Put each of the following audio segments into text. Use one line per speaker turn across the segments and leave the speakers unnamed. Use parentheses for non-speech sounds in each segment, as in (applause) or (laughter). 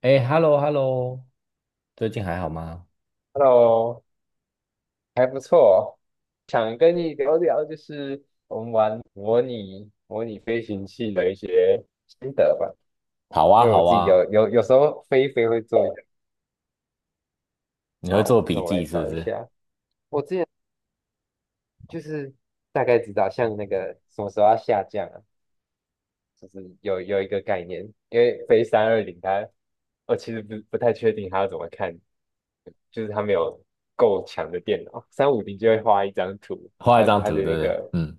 哎，hello hello，最近还好吗？
Hello，还不错，想跟你聊聊，就是我们玩模拟飞行器的一些心得吧。
好
因
啊，
为我
好
自己有
啊，
有有时候飞一飞会做一点。
你会
好，
做
那
笔
我来
记是不
找一
是？
下。我之前就是大概知道，像那个什么时候要下降啊，就是有一个概念。因为飞三二零，它我其实不太确定它要怎么看，就是它没有够强的电脑，三五零就会画一张图，
画一
它
张
它
图，对不
的那
对？
个
嗯，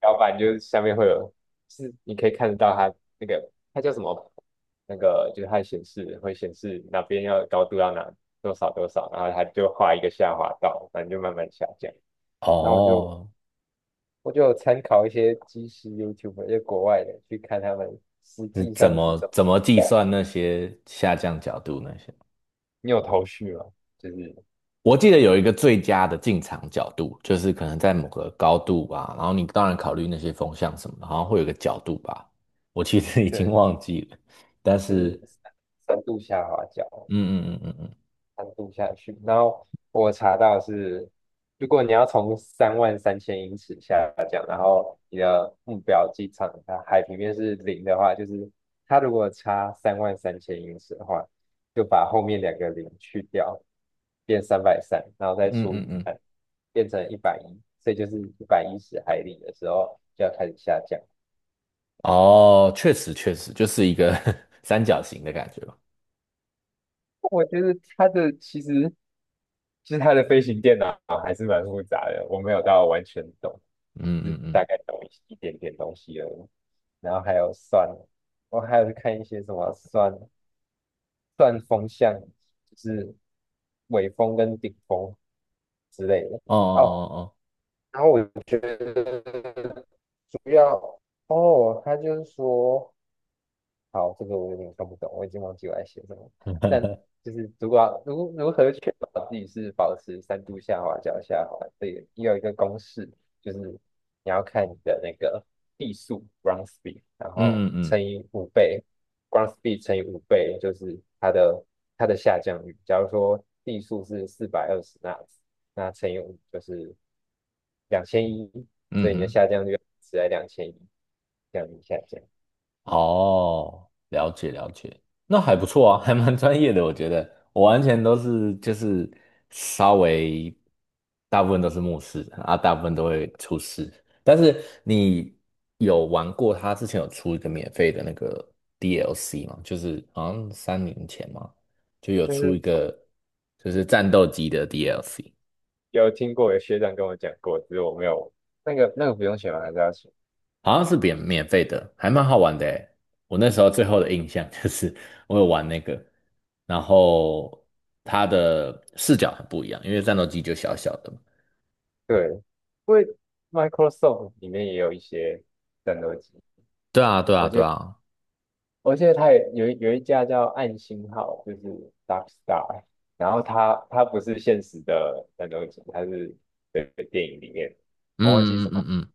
标板就是下面会有，是你可以看得到它那个它叫什么，那个就是它显示会显示哪边要高度要哪多少多少，然后它就画一个下滑道，反正就慢慢下降。那我就
哦，
我就有参考一些即时 YouTube，就国外的去看他们实
是
际
怎
上是
么
怎么。
怎么计算那些下降角度那些？
你有头绪吗？就是
我记得有一个最佳的进场角度，就是可能在某个高度吧，然后你当然考虑那些风向什么的，好像会有个角度吧。我其实 (laughs) 已经
对，
忘记了，但
就
是，
是深度下滑角，
嗯嗯嗯嗯
单度下去。然后我查到是，如果你要从三万三千英尺下降，然后你的目标机场它海平面是零的话，就是它如果差三万三千英尺的话，就把后面两个零去掉，变330，然后
嗯
再
嗯
除
嗯
以
嗯，
三，变成一百一，所以就是110海里的时候就要开始下降。
哦，确实确实就是一个 (laughs) 三角形的感觉吧。
我觉得它的其实它的飞行电脑还是蛮复杂的，我没有到完全懂，就
嗯
是
嗯嗯。
大概懂一点点东西而已。然后还有算，我还有去看一些什么算算风向，就是尾风跟顶风之类的。
哦哦
哦，
哦哦，
然后我觉得主要哦，他就是说。好，这个我有点看不懂，我已经忘记我在写什么。但就是如果要如何确保自己是保持3度下滑、脚下滑，这个也有一个公式，就是你要看你的那个地速 （ground speed），然
嗯
后
嗯嗯
乘以五倍，ground speed 乘以五倍就是它的下降率。假如说地速是420纳兹，那乘以五就是两千一，所
嗯
以你的
哼，
下降率是在两千一，这样子下降。
哦，了解了解，那还不错啊，(laughs) 还蛮专业的，我觉得我完全都是就是稍微大部分都是牧师啊，大部分都会出师。但是你有玩过他之前有出一个免费的那个 DLC 吗？就是好像3年前嘛，就有
就
出一
是
个就是战斗机的 DLC。
有听过，有学长跟我讲过，只是我没有那个不用写吗？还是要写？
好像是免费的，还蛮好玩的诶。我那时候最后的印象 (laughs) 就是我有玩那个，然后它的视角很不一样，因为战斗机就小小的嘛。
对，因为 Microsoft 里面也有一些战斗机，
对啊，对啊，
我记
对
得
啊，
我记得它也有一家叫暗星号，就是 Dark Star，然后它不是现实的战斗机，它是对电影里面，我忘记
嗯嗯
什么
嗯嗯，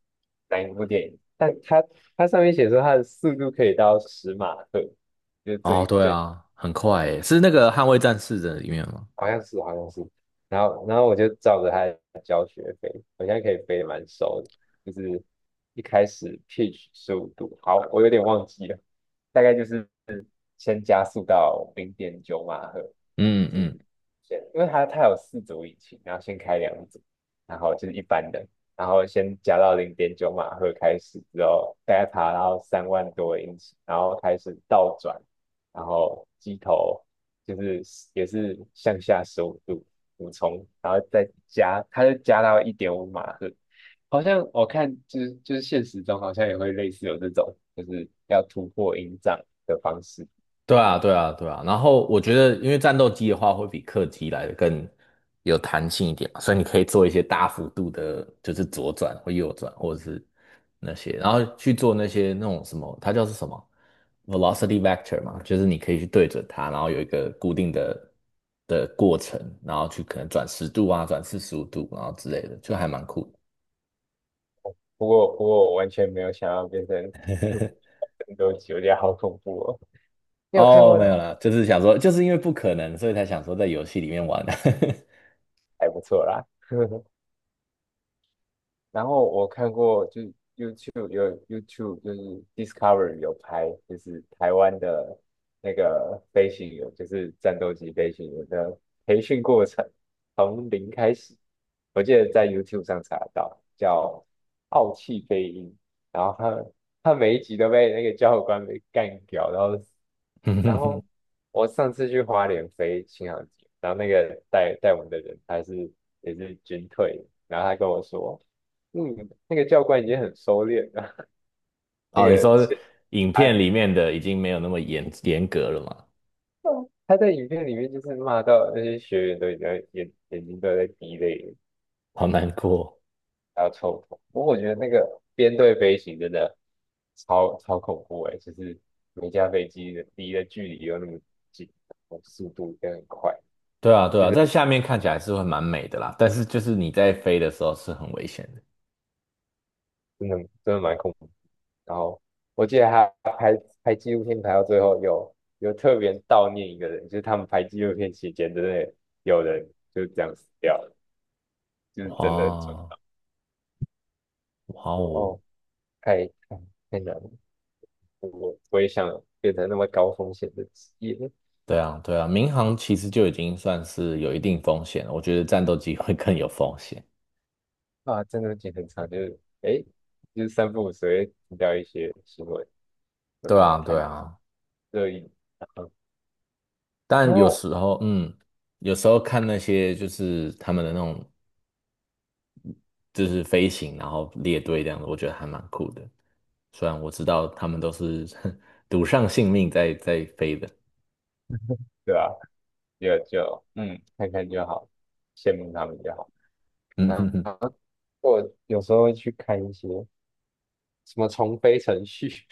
哪一部电影，但它上面写说它的速度可以到10马赫，就是
哦，
最
对
最。
啊，很快诶，是那个《捍卫战士》的里面吗？
好像是好像是，然后我就照着他的教学飞，我现在可以飞得蛮熟的，就是一开始 pitch 十五度，好，我有点忘记了，大概就是先加速到零点九马赫，
嗯
就是
嗯
先，因为它有4组引擎，然后先开2组，然后就是一般的，然后先加到零点九马赫开始之后，大概爬到三万多英尺，然后开始倒转，然后机头就是也是向下十五度俯冲，然后再加，它就加到1.5马赫。好像我看就是现实中好像也会类似有这种，就是要突破音障的方式。
对啊，对啊，对啊。然后我觉得，因为战斗机的话会比客机来的更有弹性一点嘛所以你可以做一些大幅度的，就是左转或右转，或者是那些，然后去做那些那种什么，它叫是什么 velocity vector 嘛，就是你可以去对准它，然后有一个固定的过程，然后去可能转10度啊，转45度，然后之类的，就还蛮酷的。
不过我完全没有想要变成 (laughs) 战斗机，(laughs) 我觉得好恐怖哦。你有看
哦，没
过？
有啦，就是想说，就是因为不可能，所以才想说在游戏里面玩啊。
还不错啦。(laughs) 然后我看过就，有 YouTube 就是 Discovery 有拍，就是台湾的那个飞行员，就是战斗机飞行员的培训过程，从零开始。我记得在 YouTube 上查得到，叫《傲气飞鹰》，然后他每一集都被那个教官给干掉，然后
(laughs)
我上次去花莲飞新航机，然后那个带带我们的人也是军退的然后他跟我说，嗯，那个教官已经很收敛了，(laughs) 那
哦，你
个
说
是
影
他
片里面的已经没有那么严格了嘛？
他在影片里面就是骂到那些学员都已经在眼睛都在滴泪了，
好难过。
还要臭头。不过我觉得那个编队飞行真的超恐怖哎，就是每架飞机的离的距离又那么近，然后速度也很快。
对啊，对
就
啊，
是。
在下面看起来是会蛮美的啦，但是就是你在飞的时候是很危险的。
真的真的蛮恐怖。然后我记得他拍拍纪录片拍到最后有特别悼念一个人，就是他们拍纪录片期间真的有人就是这样死掉了，就是真的准。
哇，哇
我
哦，
哦，太太难了，我也想变成那么高风险的职业
对啊，对啊，民航其实就已经算是有一定风险了，我觉得战斗机会更有风险。
啊，真的剪很长，就是诶，就是三不五时会听到一些新闻，说
对
什么
啊，对
谈
啊，
热议，然后然
但有
后
时候，嗯，有时候看那些就是他们的那种就是飞行，然后列队这样子，我觉得还蛮酷的。虽然我知道他们都是 (laughs) 赌上性命在飞的，
对啊，就看看就好，羡慕他们就好。
(laughs) 嗯
然
哼哼，
后我有时候会去看一些什么重飞程序，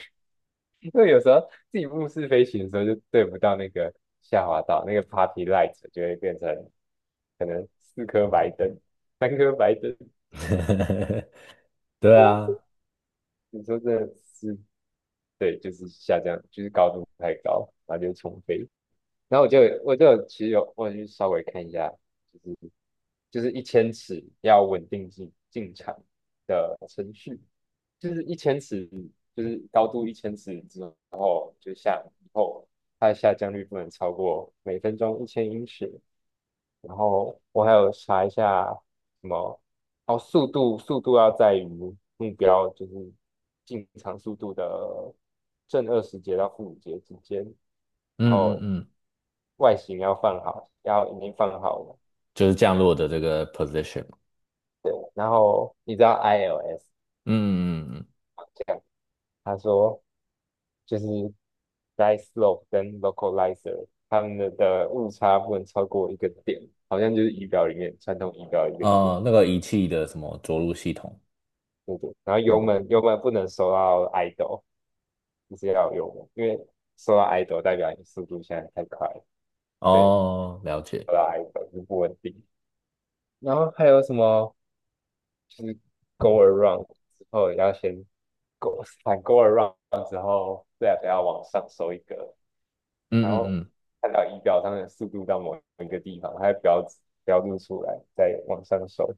(laughs) 因为有时候自己目视飞行的时候就对不到那个下滑道，那个 party light 就会变成可能4颗白灯、(laughs) 3颗白灯。(laughs)
(laughs) 对
哦，
啊，
你说这是对，就是下降，就是高度太高，然后就重飞。然后我就其实我有去稍微看一下，就是。就是一千尺要稳定进场的程序，就是一千尺，就是高度一千尺之后，就下以后它的下降率不能超过每分钟1,000英尺。然后我还有查一下什么，哦，速度要在于目标就是进场速度的+20节到-5节之间，然
嗯嗯
后
嗯，
外形要放好，要已经放好了。
就是降落的这个 position，
对，然后你知道 ILS
嗯嗯嗯，嗯
这样，他说就是 dice slope 跟 localizer 他们的误差不能超过一个点，好像就是仪表里面传统仪表一个点，
哦，那个仪器的什么着陆系统，
对不对。然后油
嗯，
门油门不能收到 idle，就是要有油门，因为收到 idle 代表你速度现在太快了，对，
哦，了解，
收到 idle 就不稳定。然后还有什么就是 go around 之后要先 go around 之后 left 要往上收一个。然
嗯嗯
后
嗯。
看到仪表上的速度到某一个地方，它会标注出来，再往上收，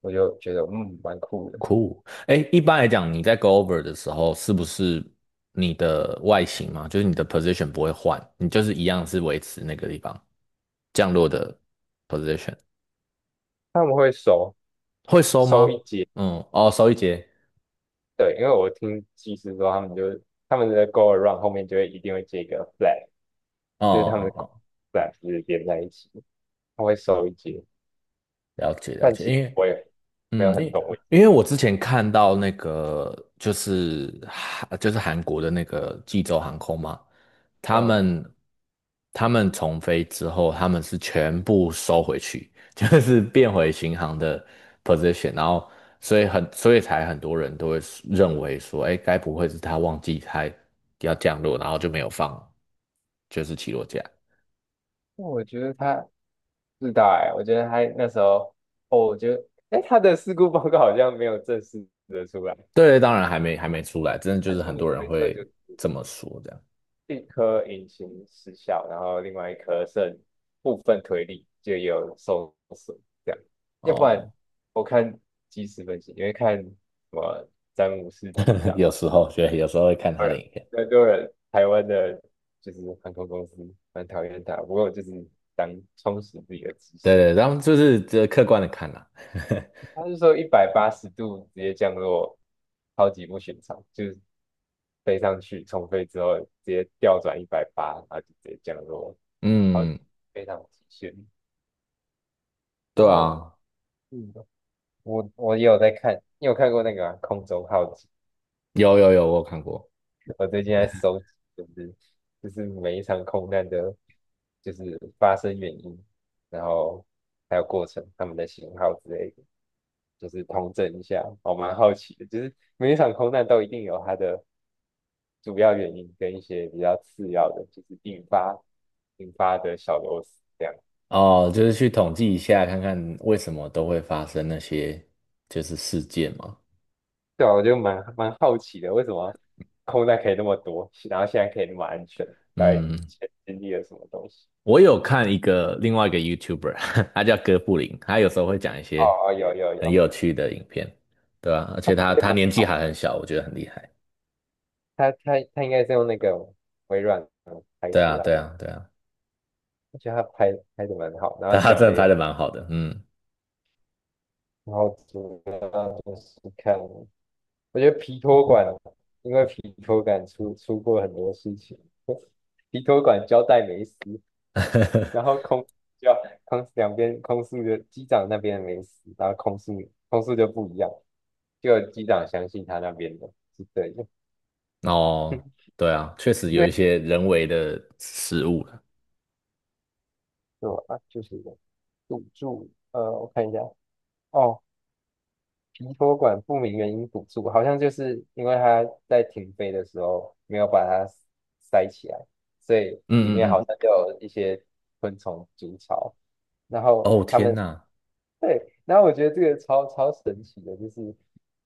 我就觉得嗯蛮酷的。
酷，哎，一般来讲，你在 go over 的时候，是不是你的外形嘛，就是你的 position 不会换，你就是一样是维持那个地方降落的 position，
他们会收
会收
收一
吗？
节，
嗯，哦，收1节，
对，因为我听技师说他们的 go around 后面就会一定会接一个 flag，
哦
就是他们
哦
的
哦哦，
flag 就是连在一起，他会收一节，
了解了
但
解，
其实
因为
我也没有
嗯，因
很懂为什
因为我之前看到那个就是韩国的那个济州航空嘛，
么
他们他们重飞之后，他们是全部收回去，(laughs) 就是变回新航的 position，然后所以才很多人都会认为说，哎，该不会是他忘记他要降落，然后就没有放就是起落架？
那我觉得他是大哎，我觉得他那时候哦，我觉得哎他的事故报告好像没有正式的出来。
对，当然还没出来，真的就
初
是很
步
多人
推测
会
就
这么说这样。
一颗引擎失效，然后另外一颗剩部分推力就也有受损，这样。要不然
哦，
我看即时分析，因为看什么詹姆斯机
(laughs)
长嘛，
有时候会看他
当
的
然
影片，
很多人台湾的就是航空公司蛮讨厌他，不过就是当充实自己的知
对
识。
对，然后就是这客观的看啦、
他是说180度直接降落，超级不寻常，就是飞上去重飞之后直接调转一百八，然后就直接降落。
(laughs)
好，
嗯，
非常极限。
对
然后，
啊，
嗯，我也有在看，你有看过那个啊空中浩劫》？
有有有，我有看过
我最近在收集，就是每一场空难的，就是发生原因，然后还有过程，他们的型号之类的，就是通整一下。我蛮好奇的，就是每一场空难都一定有它的主要原因跟一些比较次要的，就是引发的小螺丝这样。
哦，就是去统计一下，看看为什么都会发生那些就是事件嘛。
对啊，我就蛮好奇的，为什么空难可以那么多，然后现在可以那么安全？在之
嗯，
前经历了什么东西？
我有看一个另外一个 YouTuber，(laughs) 他叫哥布林，他有时候会讲一
哦
些
哦，有有
很
有，
有趣的影片，对啊，而
它
且
拍
他
的
他
蛮
年纪
好，
还很小，我觉得很厉害。
他应该是用那个微软拍
对
出
啊，
来
对
的，
啊，对啊，
我觉得它拍的蛮好，然后
他
讲
真的
的
拍
也，
的蛮好的，嗯。
然后主要就是看，我觉得皮托管，因为皮托管出过很多事情，(laughs) 皮托管交代没死，然
(laughs)
后就空两边空速的机长那边没死，然后空速就不一样，就机长相信他那边的是 (laughs) 对的，
哦，
(laughs)
对啊，确实
因
有一
为
些人为的失误了。
什么啊？就是赌注，我看一下，哦，皮托管不明原因堵住，好像就是因为他在停飞的时候没有把它塞起来，所以里
嗯
面好
嗯
像就有一些昆虫筑巢，然
嗯，
后
哦
他
天
们
哪，
(laughs) 对，然后我觉得这个超神奇的，就是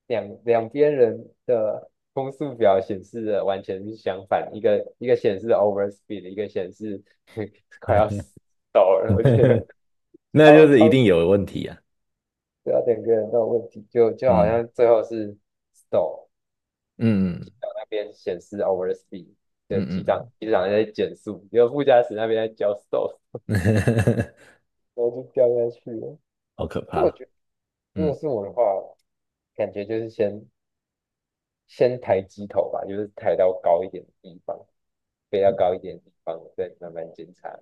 两边人的攻速表显示的完全是相反，一个一个显示 overspeed，一个显示 (laughs) 快要死到了，我觉得
(laughs) 那就
超
是一
超
定有问题啊。
对啊，两个人都有问题，就好
嗯
像最后是 stall
嗯嗯
那边显示 overspeed 的机长
嗯
机长在减速，然后副驾驶那边在教 stall，
嗯，嗯 (laughs)
然后就掉下去了。
好可
那我
怕。
觉得如果
嗯，
是我的话，感觉就是先。先抬机头吧，就是抬到高一点的地方，飞到高一点的地方，再慢慢检查。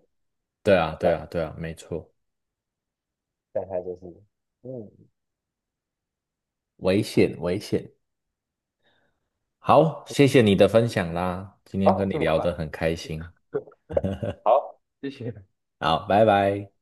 对啊对
但
啊对啊，没错，
但它就是，嗯
危险危险。好，谢谢你的分享啦，今
好，
天跟
哦
你
那么
聊
快，
得很开心。
(laughs) 好，谢谢。
好，拜拜。